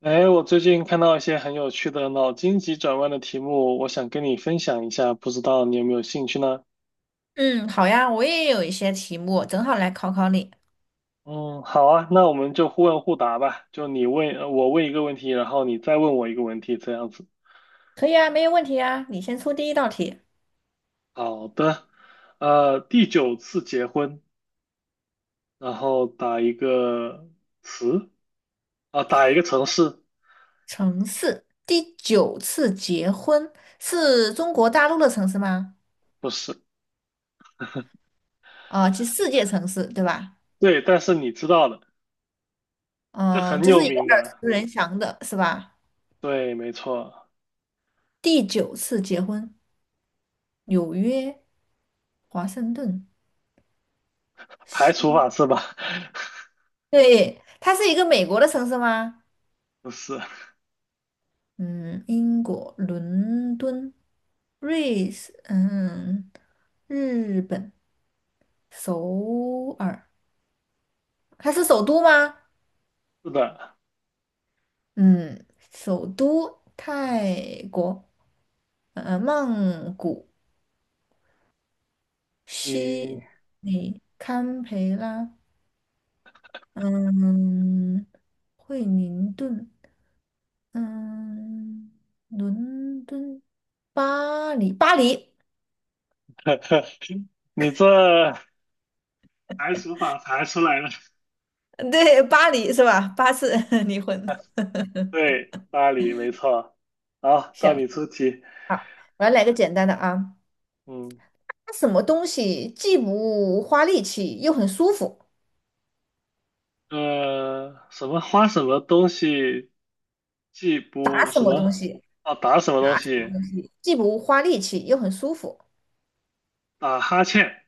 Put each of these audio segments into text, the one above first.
哎，我最近看到一些很有趣的脑筋急转弯的题目，我想跟你分享一下，不知道你有没有兴趣呢？嗯，好呀，我也有一些题目，正好来考考你。嗯，好啊，那我们就互问互答吧，就你问，我问一个问题，然后你再问我一个问题，这样子。可以啊，没有问题啊。你先出第一道题。好的，第九次结婚，然后打一个词，啊，打一个城市，城市第九次结婚是中国大陆的城市吗？不是，啊、其实世界城市对吧？对，但是你知道的，这嗯、很这有是一个名耳的，熟能详的，是吧？对，没错，第九次结婚，纽约、华盛顿，排西，除法是吧？对，它是一个美国的城市吗？不是，嗯，英国伦敦，瑞士，嗯，日本首尔，它是首都吗？是的。嗯，首都泰国，曼谷，悉你 尼，堪培拉，嗯，惠灵顿，嗯，伦敦，巴黎，巴黎，你这排除法排出来了，对，巴黎是吧？巴士 离婚。对，巴黎没错。好，到行。你出题。好，我要来个简单的啊，嗯，打什么东西既不花力气又很舒服？什么花什么东西既打不什什么东么西？啊打什么东打西既不花力气又很舒服？打哈欠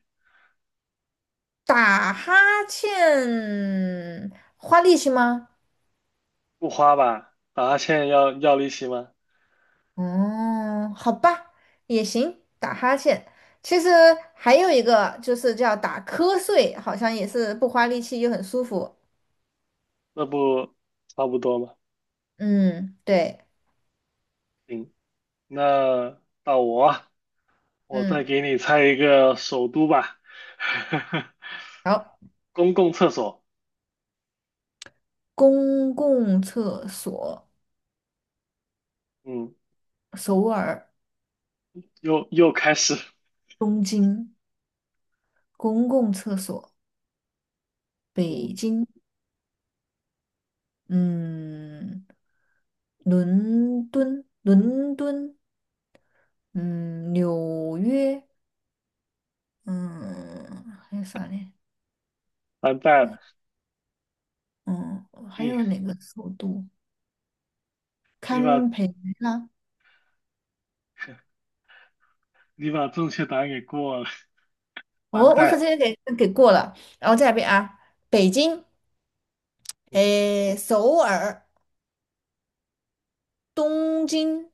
打哈欠花力气吗？不花吧？打哈欠要利息吗？嗯，好吧，也行，打哈欠。其实还有一个就是叫打瞌睡，好像也是不花力气又很舒服。那不差不多吗？嗯，对，行，那到我啊，我再嗯，给你猜一个首都吧，哈哈，好，公共厕所。公共厕所，嗯。首尔，又开始，东京。公共厕所，北嗯，京，嗯，伦敦，伦敦，嗯，纽约，嗯，还有啥嘞？完蛋了，哎，嗯，还你有哪个首都？你把堪培拉。你把正确答案给过了，完哦，我直蛋。接给过了，然后再来一遍啊，北京，嗯 诶，首尔，东京，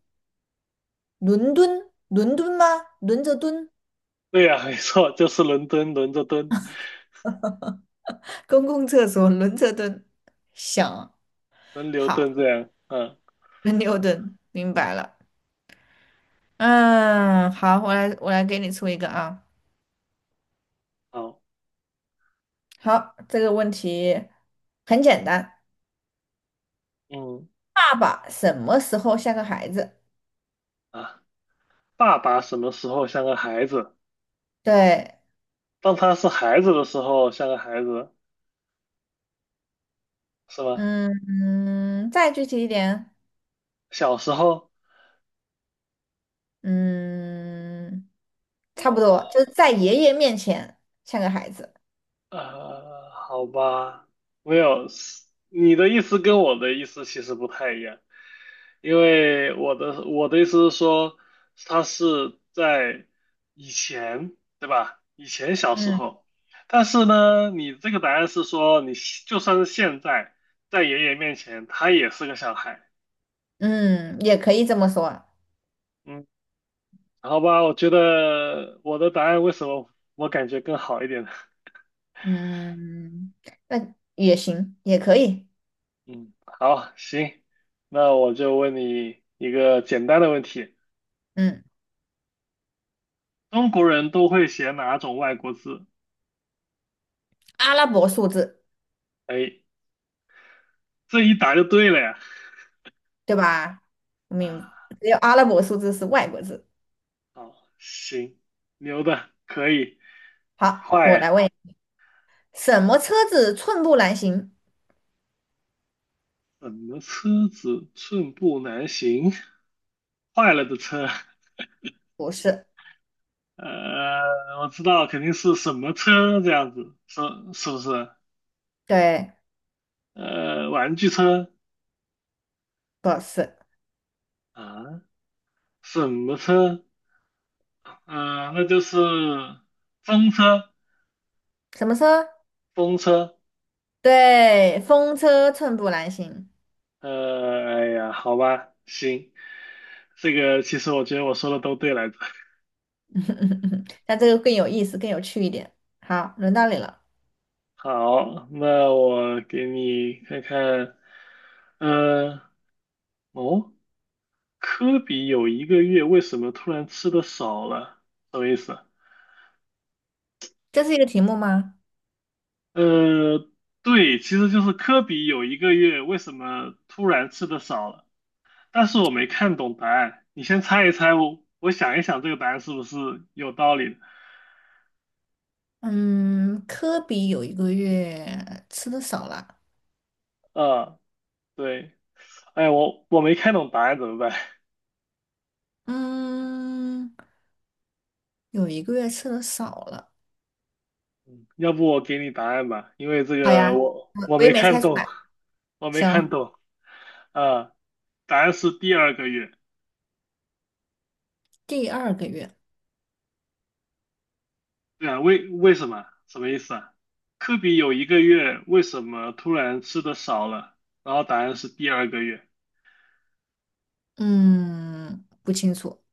伦敦，伦敦吗？轮着蹲，对呀，没错，就是伦敦轮着蹲，公共厕所轮着蹲，想，轮流蹲好。这样。嗯，牛顿，明白了。嗯，好，我来给你出一个啊。好，好，这个问题很简单，嗯爸爸什么时候像个孩子？啊，爸爸什么时候像个孩子？对，当他是孩子的时候像个孩子，是吧？嗯嗯，再具体一点，小时候，嗯，差不多，就是在爷爷面前像个孩子。呃，好吧，没有，你的意思跟我的意思其实不太一样。因为我的意思是说，他是在以前，对吧？以前小时嗯候，但是呢，你这个答案是说，你现就算是现在，在爷爷面前，他也是个小孩。嗯，也可以这么说。嗯，好吧，我觉得我的答案为什么我感觉更好一点呢？嗯，那也行，也可以。嗯，好，行，那我就问你一个简单的问题：嗯，中国人都会写哪种外国字？阿拉伯数字。哎，这一答就对了呀。对吧？明，啊。只有阿拉伯数字是外国字。好，行，牛的，可以，好，我来快，问，什么车子寸步难行？怎么车子寸步难行？坏了的车，不是，呃，我知道肯定是什么车这样子，是是不是？对，呃，玩具车不是，啊，什么车？呃，那就是风车，什么车？风车。对，风车寸步难行。呃，哎呀，好吧，行，这个其实我觉得我说的都对来着。那这个更有意思，更有趣一点。好，轮到你了，好，那我给你看看，嗯，哦，科比有一个月为什么突然吃的少了？什么意思啊？这是一个题目吗？呃，对，其实就是科比有一个月为什么突然吃的少了，但是我没看懂答案，你先猜一猜，我想一想这个答案是不是有道理的？嗯，科比有一个月吃的少了。呃，对，哎，我没看懂答案怎么办？嗯，有一个月吃的少了。要不我给你答案吧，因为这好个呀，我我我我也没没看猜出懂，来。我没看行，懂。啊，答案是第二个月。第二个月。对啊，为什么？什么意思啊？科比有一个月，为什么突然吃的少了？然后答案是第二个月。嗯，不清楚。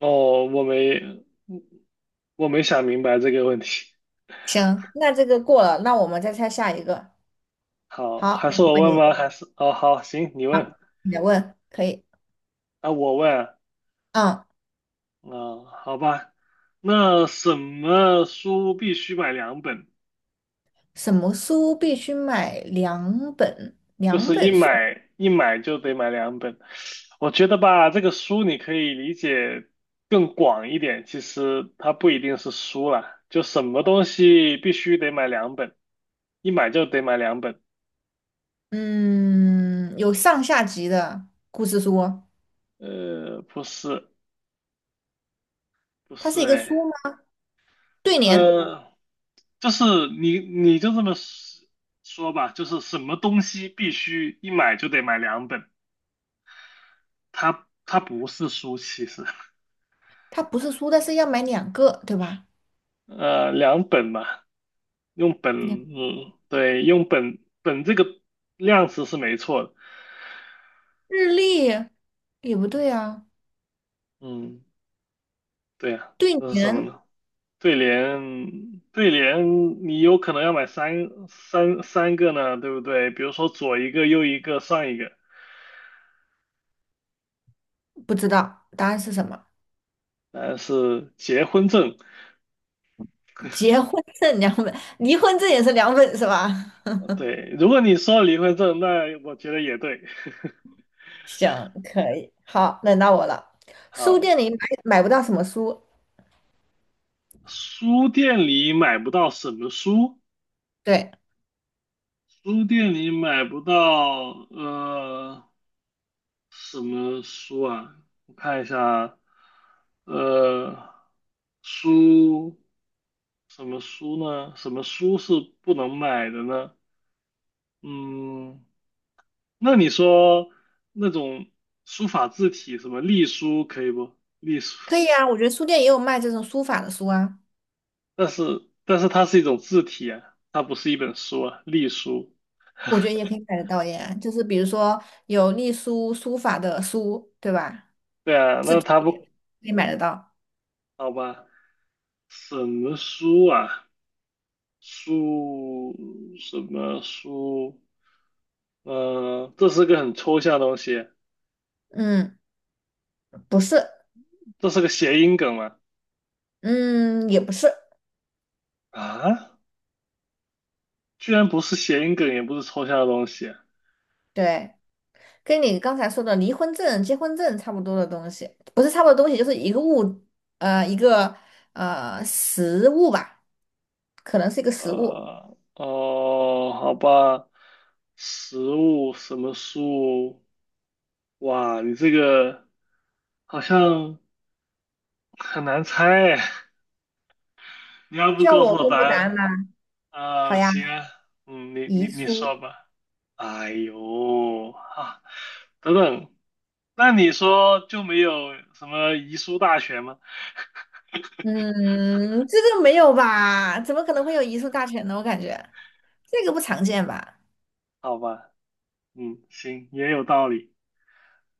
哦，我没，我没想明白这个问题。行，那这个过了，那我们再猜下一个。好，好，还我是我问问你，吗？还是哦，好，行，你问好，你来问，可以。啊，我问啊，嗯，嗯好吧。那什么书必须买两本？什么书必须买两本？就两是一本书？买一买就得买两本。我觉得吧，这个书你可以理解更广一点，其实它不一定是书啦，就什么东西必须得买两本，一买就得买两本。嗯，有上下集的故事书哦，呃，不是，不它是是，一个哎，书吗？对联，呃，就是你就这么说吧，就是什么东西必须一买就得买两本，它不是书，其实。它不是书，但是要买两个，对吧？呃，两本嘛，用本，两嗯，对，用本这个量词是没错的，日历也不对啊，嗯，对呀，对这是什么联呢？对联，对联，你有可能要买三个呢，对不对？比如说左一个，右一个，上一个，不知道答案是什么？但是结婚证，结 婚证两本，离婚证也是两本是吧？对，如果你说离婚证，那我觉得也对。行，可以，好，轮到我了。书好，店里买不到什么书？书店里买不到什么书？对，书店里买不到，呃。什么书啊？我看一下，呃，书什么书呢？什么书是不能买的呢？嗯，那你说那种书法字体，什么隶书可以不？隶书，可以啊，我觉得书店也有卖这种书法的书啊，但是它是一种字体啊，它不是一本书啊，隶书。我觉得也可以买得到耶。就是比如说有隶书、书法的书，对吧？对啊，那它不可以买得到。好吧？什么书啊？书什么书？呃，这是个很抽象的东西，嗯，不是，这是个谐音梗吗？嗯，也不是，啊，居然不是谐音梗，也不是抽象的东西。对，跟你刚才说的离婚证、结婚证差不多的东西，不是差不多的东西，就是一个物，一个实物吧，可能是一个实物。呃，哦，好吧，食物什么树？哇，你这个好像很难猜哎。你要不需要告诉我我公答布答案案？吗？好啊，呀。行啊，嗯，你你遗你说书，吧。哎呦，啊，等等，那你说就没有什么遗书大全吗？嗯，这个没有吧？怎么可能会有遗书大全呢？我感觉这个不常见吧。好吧。嗯，行，也有道理。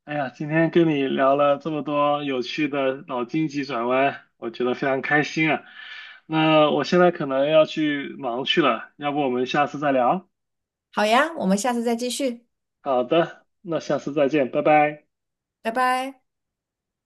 哎呀，今天跟你聊了这么多有趣的脑筋急转弯，我觉得非常开心啊。那我现在可能要去忙去了，要不我们下次再聊？好呀，我们下次再继续，好的，那下次再见，拜拜。拜拜。